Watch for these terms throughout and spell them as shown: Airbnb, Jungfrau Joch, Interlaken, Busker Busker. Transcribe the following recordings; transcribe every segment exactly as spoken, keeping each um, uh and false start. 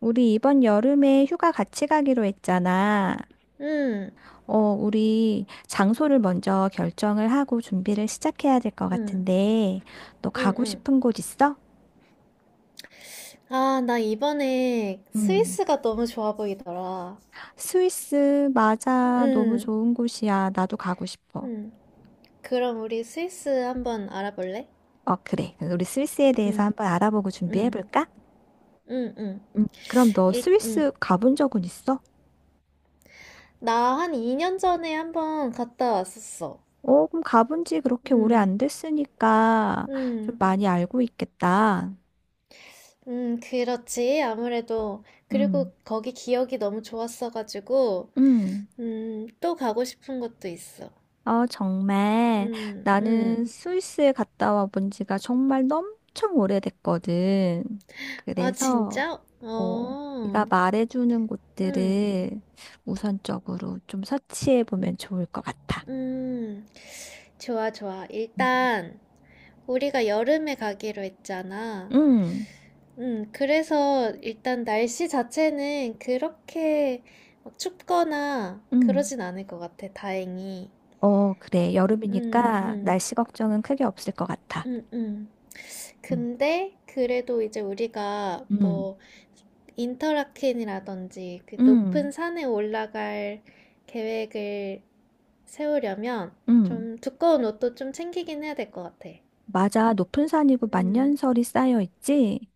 우리 이번 여름에 휴가 같이 가기로 했잖아. 응, 어, 우리 장소를 먼저 결정을 하고 준비를 시작해야 될 것 응, 같은데, 너 응, 가고 응. 싶은 곳 있어? 아, 나 이번에 음. 스위스가 너무 좋아 보이더라. 스위스, 맞아. 너무 응, 좋은 곳이야. 나도 가고 싶어. 응. 그럼 우리 스위스 한번 알아볼래? 어, 그래. 그럼 우리 스위스에 대해서 응, 한번 알아보고 응, 준비해볼까? 응, 응. 음. 그럼 너 일, 응. 스위스 가본 적은 있어? 나 한 이 년 전에 한번 갔다 왔었어. 어, 그럼 가본 지 그렇게 오래 응, 안 됐으니까 좀 응, 많이 알고 있겠다. 응, 그렇지. 아무래도. 그리고 음. 거기 기억이 너무 좋았어가지고, 음. 음, 또 가고 싶은 것도 있어. 아, 정말. 응, 응. 나는 스위스에 갔다 와본 지가 정말 엄청 오래됐거든. 아, 그래서, 진짜? 어, 네가 어. 말해주는 음, 곳들을 우선적으로 좀 서치해 보면 좋을 것 같아. 음, 좋아, 좋아. 음. 일단, 우리가 여름에 가기로 했잖아. 응, 음, 그래서 일단 날씨 자체는 그렇게 막 춥거나 응. 그러진 않을 것 같아, 다행히. 어, 그래. 음, 여름이니까 음, 날씨 걱정은 크게 없을 것 같아. 음, 음. 응, 근데, 그래도 이제 우리가 응, 뭐, 인터라켄이라든지 그 응, 높은 산에 올라갈 계획을 세우려면 응. 좀 두꺼운 옷도 좀 챙기긴 해야 될 것 같아. 맞아. 높은 산이고 음. 만년설이 쌓여 있지?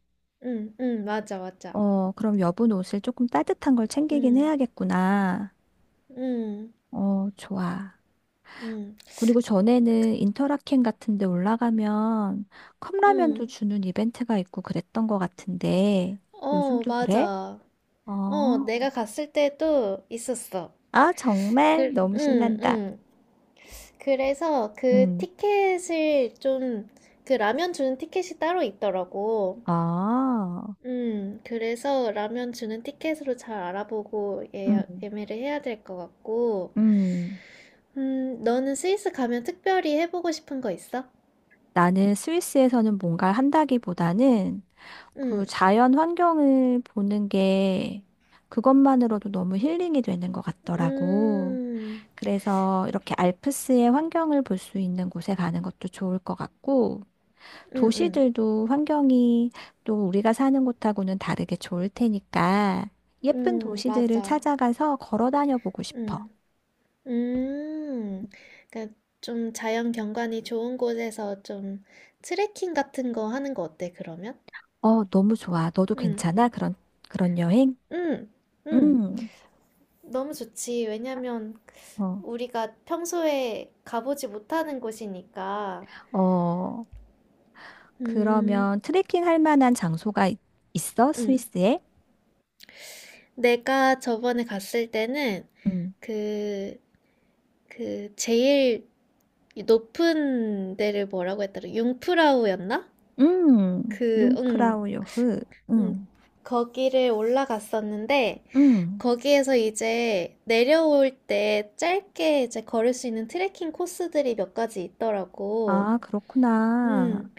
음. 음. 맞아, 맞아. 어, 그럼 여분 옷을 조금 따뜻한 걸 챙기긴 음. 해야겠구나. 음. 어, 좋아. 음. 그리고 전에는 인터라켄 같은 데 올라가면 컵라면도 음. 주는 이벤트가 있고 그랬던 것 같은데 어, 요즘도 그래? 맞아. 어, 어, 내가 갔을 때도 있었어. 아, 정말 그, 너무 음, 신난다. 음. 그래서 그 음, 티켓을 좀, 그 라면 주는 티켓이 따로 있더라고. 아, 음, 그래서 라면 주는 티켓으로 잘 알아보고 음, 예약, 예매를 해야 될 것 같고. 음. 음, 너는 스위스 가면 특별히 해보고 싶은 거 있어? 나는 스위스에서는 뭔가를 한다기보다는 그 음, 자연 환경을 보는 게 그것만으로도 너무 힐링이 되는 것 같더라고. 음, 그래서 이렇게 알프스의 환경을 볼 수 있는 곳에 가는 것도 좋을 것 같고, 음, 음. 도시들도 환경이 또 우리가 사는 곳하고는 다르게 좋을 테니까, 예쁜 음, 도시들을 맞아. 찾아가서 걸어 다녀 보고 싶어. 음. 음. 그러니까 좀 자연 경관이 좋은 곳에서 좀 트레킹 같은 거 하는 거 어때, 그러면? 어, 너무 좋아. 너도 음. 괜찮아? 그런, 그런 여행? 음. 음. 음, 너무 좋지. 왜냐면 어, 우리가 평소에 가보지 못하는 곳이니까. 어, 음. 그러면 트레킹 할 만한 장소가 있- 있어? 음. 스위스에? 내가 저번에 갔을 때는 음, 그, 그 제일 높은 데를 뭐라고 했더라? 융프라우였나? 음, 그, 응, 융프라우 요흐. 음, 음, 거기를 올라갔었는데 음. 거기에서 이제 내려올 때 짧게 이제 걸을 수 있는 트레킹 코스들이 몇 가지 있더라고. 아, 그렇구나. 음,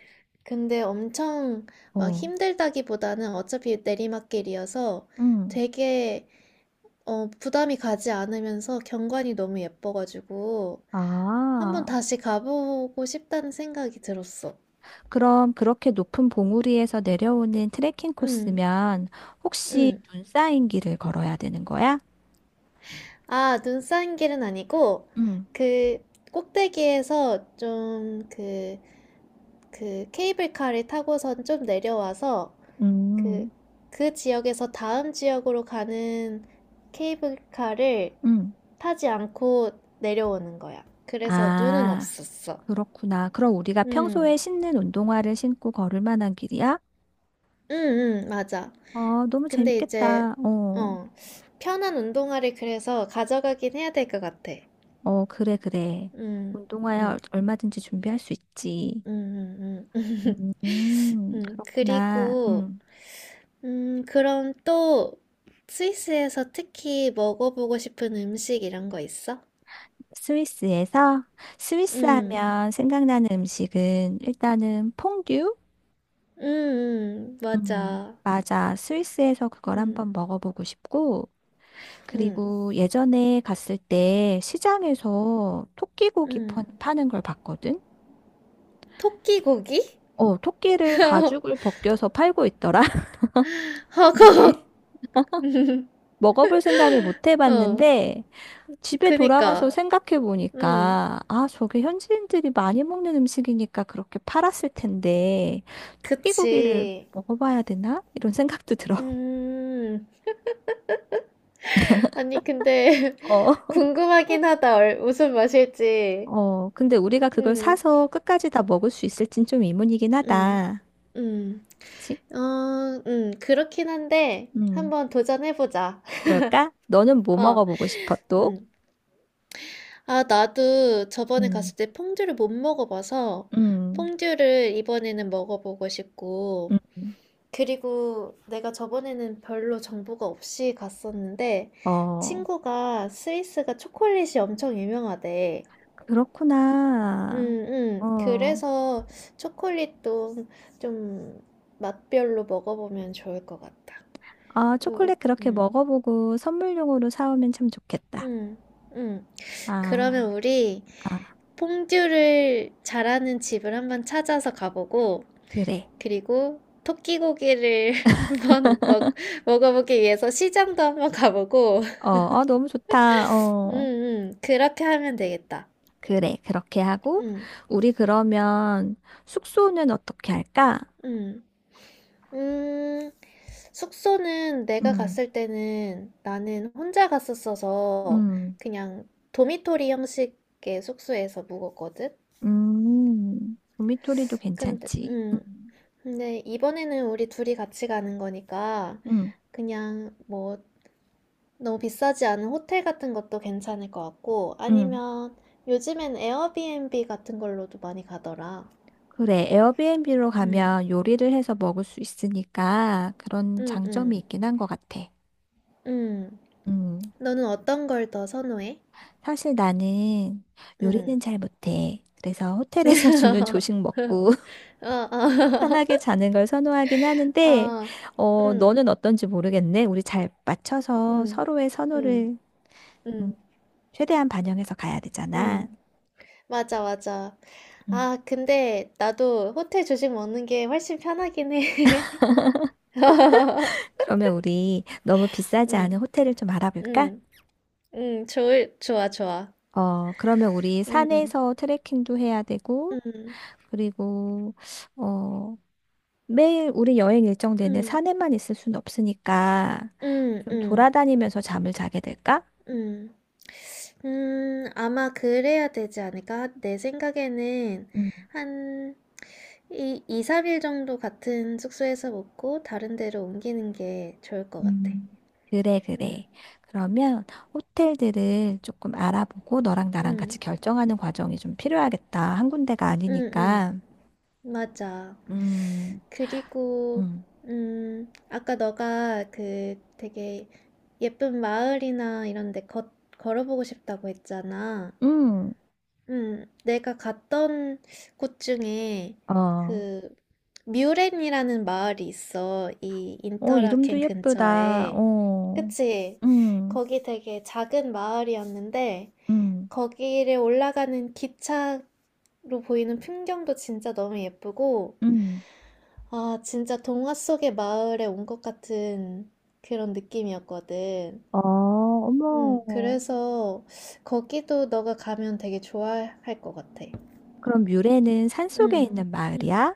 근데 엄청 막 어, 힘들다기보다는 어차피 내리막길이어서 음. 되게 어, 부담이 가지 않으면서 경관이 너무 예뻐가지고 한번 아, 다시 가보고 싶다는 생각이 들었어. 그럼 그렇게 높은 봉우리에서 내려오는 트레킹 응. 코스면 혹시 응. 눈 쌓인 길을 걸어야 되는 거야? 아, 눈 쌓인 길은 아니고, 음, 그, 꼭대기에서 좀, 그, 그, 케이블카를 타고선 좀 내려와서, 그, 음, 그 지역에서 다음 지역으로 가는 케이블카를 음. 타지 않고 내려오는 거야. 그래서 눈은 아, 없었어. 그렇구나. 그럼 우리가 음, 평소에 신는 운동화를 신고 걸을 만한 길이야? 음, 음, 맞아. 어, 너무 근데 이제, 재밌겠다. 어, 어, 편한 운동화를 그래서 가져가긴 해야 될 것 같아. 어, 그래, 그래. 음, 운동화야 음, 얼- 얼마든지 준비할 수 있지. 음, 음, 음. 음, 음, 그렇구나. 그리고, 음. 음, 그럼 또 스위스에서 특히 먹어보고 싶은 음식 이런 거 있어? 스위스에서 스위스 음, 하면 생각나는 음식은 일단은 퐁듀? 음, 음, 음, 맞아. 맞아. 스위스에서 그걸 한번 음, 먹어보고 싶고, 음, 그리고 예전에 갔을 때 시장에서 토끼고기 음. 파- 파는 걸 봤거든? 토끼 고기? 어, 토끼를 가죽을 벗겨서 팔고 있더라. 근데 허걱. 먹어볼 생각을 못 어, 해봤는데, 집에 돌아와서 그니까. 생각해 음, 보니까, 아, 저게 현지인들이 많이 먹는 음식이니까 그렇게 팔았을 텐데, 토끼고기를 그치. 먹어봐야 되나? 이런 생각도 들어. 음, 아니, 근데 어. 궁금하긴 하다. 얼- 무슨 맛일지. 어, 근데 우리가 그걸 음, 사서 끝까지 다 먹을 수 있을진 좀 의문이긴 음, 하다. 음. 그치? 어, 음, 그렇긴 한데, 음, 한번 도전해보자. 그럴까? 너는 뭐 어, 먹어보고 싶어, 또? 음. 아, 나도 저번에 음, 갔을 때 퐁듀를 못 먹어봐서, 음, 퐁듀를 이번에는 먹어보고 싶고, 음. 그리고 내가 저번에는 별로 정보가 없이 갔었는데, 어, 친구가 스위스가 초콜릿이 엄청 유명하대. 음, 그렇구나. 음. 어, 그래서 초콜릿도 좀 맛별로 먹어보면 좋을 것 같다. 아, 응 초콜릿 그렇게 응 먹어보고 선물용으로 사오면 참 응 좋겠다. 음, 음, 음. 아, 그러면 우리 아, 퐁듀를 잘하는 집을 한번 찾아서 가보고, 그래. 그리고 토끼고기를 한번 먹, 먹어보기 위해서 시장도 한번 가보고, 어, 어, 너무 좋다. 음, 어, 음, 그렇게 하면 되겠다. 그래. 그렇게 하고, 음, 우리 그러면 숙소는 어떻게 할까? 음, 음, 숙소는 내가 음, 갔을 때는 나는 혼자 갔었어서 음, 그냥 도미토리 형식의 숙소에서 묵었거든? 음, 도미토리도 근데, 괜찮지. 음, 음, 근데 이번에는 우리 둘이 같이 가는 거니까 음, 그냥 뭐 너무 비싸지 않은 호텔 같은 것도 괜찮을 것 같고 음. 아니면 요즘엔 에어비앤비 같은 걸로도 많이 가더라. 그래. 에어비앤비로 음, 가면 요리를 해서 먹을 수 있으니까 그런 음, 장점이 음, 있긴 한 것 같아. 음. 음, 너는 어떤 걸 더 선호해? 사실 나는 음. 요리는 잘 못해. 그래서 호텔에서 주는 조식 먹고, 어, 어, 편하게 자는 걸 선호하긴 하는데, 어, 어, 음, 너는 어떤지 모르겠네. 우리 잘 맞춰서 음, 서로의 음, 선호를 음, 음, 최대한 반영해서 가야 되잖아. 음. 맞아, 맞아. 음. 아, 근데 나도 호텔 조식 먹는 게 훨씬 편하긴 해. 그러면 우리 너무 비싸지 않은 응, 호텔을 좀 알아볼까? 응, 응, 좋을, 좋아, 좋아. 어, 그러면 우리 응, 산에서 트레킹도 해야 되고, 응, 그리고, 어, 매일 우리 여행 일정 내내 응, 산에만 있을 순 없으니까 응, 좀 응, 돌아다니면서 잠을 자게 될까? 응. 음, 아마 그래야 되지 않을까? 내 생각에는 한 이, 2, 삼 일 정도 같은 숙소에서 먹고 다른 데로 옮기는 게 좋을 것 같아. 음, 그래, 응, 그래. 그러면 호텔들을 조금 알아보고 너랑 나랑 같이 응, 결정하는 과정이 좀 필요하겠다. 한 군데가 응, 응. 아니니까. 맞아. 음, 그리고 음, 음, 아까 너가 그 되게 예쁜 마을이나 이런 데 걷, 걸어보고 싶다고 했잖아. 음, 음, 내가 갔던 곳 중에 어, 그 뮤렌이라는 마을이 있어. 이 어, 이름도 인터라켄 예쁘다. 근처에. 어, 그치? 음, 거기 되게 작은 마을이었는데 음, 거기를 올라가는 기차로 보이는 풍경도 진짜 너무 예쁘고 음. 아, 진짜 동화 속의 마을에 온 것 같은 그런 느낌이었거든. 어, 응, 어머. 그래서 거기도 너가 가면 되게 좋아할 것 같아. 그럼 뮤레는 산속에 응, 있는 응, 마을이야?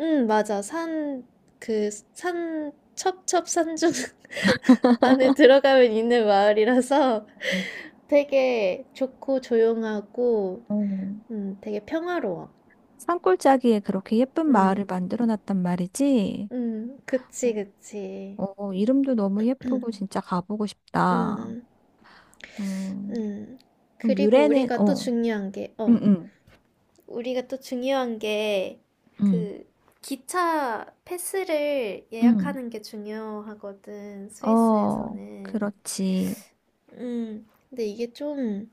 응, 맞아. 산, 그, 산, 첩첩산중 안에 들어가면 있는 마을이라서 어, 되게 좋고 조용하고, 어. 음, 되게 평화로워. 산골짜기에 그렇게 예쁜 응, 마을을 만들어 놨단 말이지? 응, 그치, 그치. 어, 이름도 너무 예쁘고 진짜 가보고 싶다. 응, 음, 응. 그럼 그리고 뮤레는, 우리가 또 어, 중요한 게, 응, 어. 응. 우리가 또 중요한 게 응, 그 기차 패스를 응, 예약하는 게 중요하거든, 어, 스위스에서는. 그렇지. 음, 근데 이게 좀,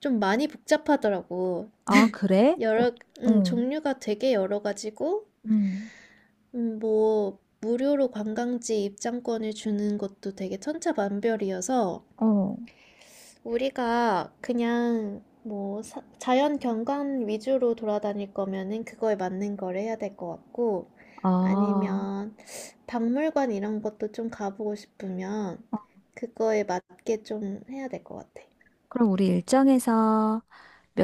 좀 많이 복잡하더라고. 아, 그래? 어, 여러, 음, 응, 종류가 되게 여러 가지고, 응, 음, 뭐, 무료로 관광지 입장권을 주는 것도 되게 천차만별이어서, 어, 우리가 그냥 뭐 사- 자연 경관 위주로 돌아다닐 거면은 그거에 맞는 걸 해야 될 것 같고 아. 아니면 박물관 이런 것도 좀 가보고 싶으면 어, 그거에 맞게 좀 해야 될 것 같아. 그럼 우리 일정에서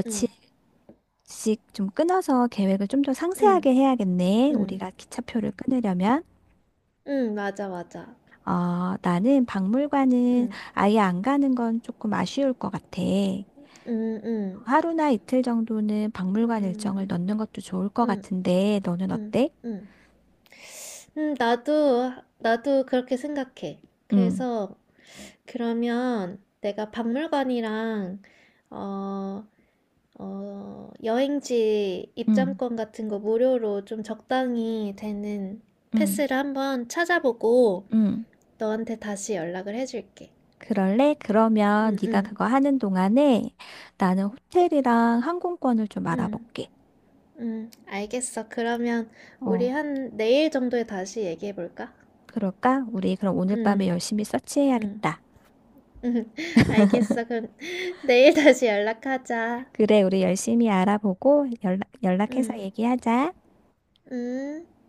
응, 며칠씩 좀 끊어서 계획을 좀 더 응, 상세하게 해야겠네. 응, 우리가 기차표를 끊으려면. 응, 맞아, 맞아. 아, 나는 박물관은 응, 아예 안 가는 건 조금 아쉬울 것 같아. 응, 응, 하루나 이틀 정도는 박물관 일정을 응, 넣는 것도 좋을 것 응, 같은데, 너는 응, 어때? 응. 음, 나도, 나도 그렇게 생각해. 응, 그래서 그러면 내가 박물관이랑 어, 어, 여행지 응, 입장권 같은 거 무료로 좀 적당히 되는 응, 패스를 한번 찾아보고 응. 너한테 다시 연락을 해줄게. 그럴래? 그러면 응, 네가 응, 그거 하는 동안에 나는 호텔이랑 항공권을 좀 응, 알아볼게. 응, 알겠어. 그러면 우리 어, 한 내일 정도에 다시 얘기해볼까? 그럴까? 우리 그럼 오늘 밤에 응, 열심히 응, 서치해야겠다. 응, 알겠어. 그럼 내일 다시 연락하자. 그래, 우리 열심히 알아보고 연락, 연락해서 응, 얘기하자. 응.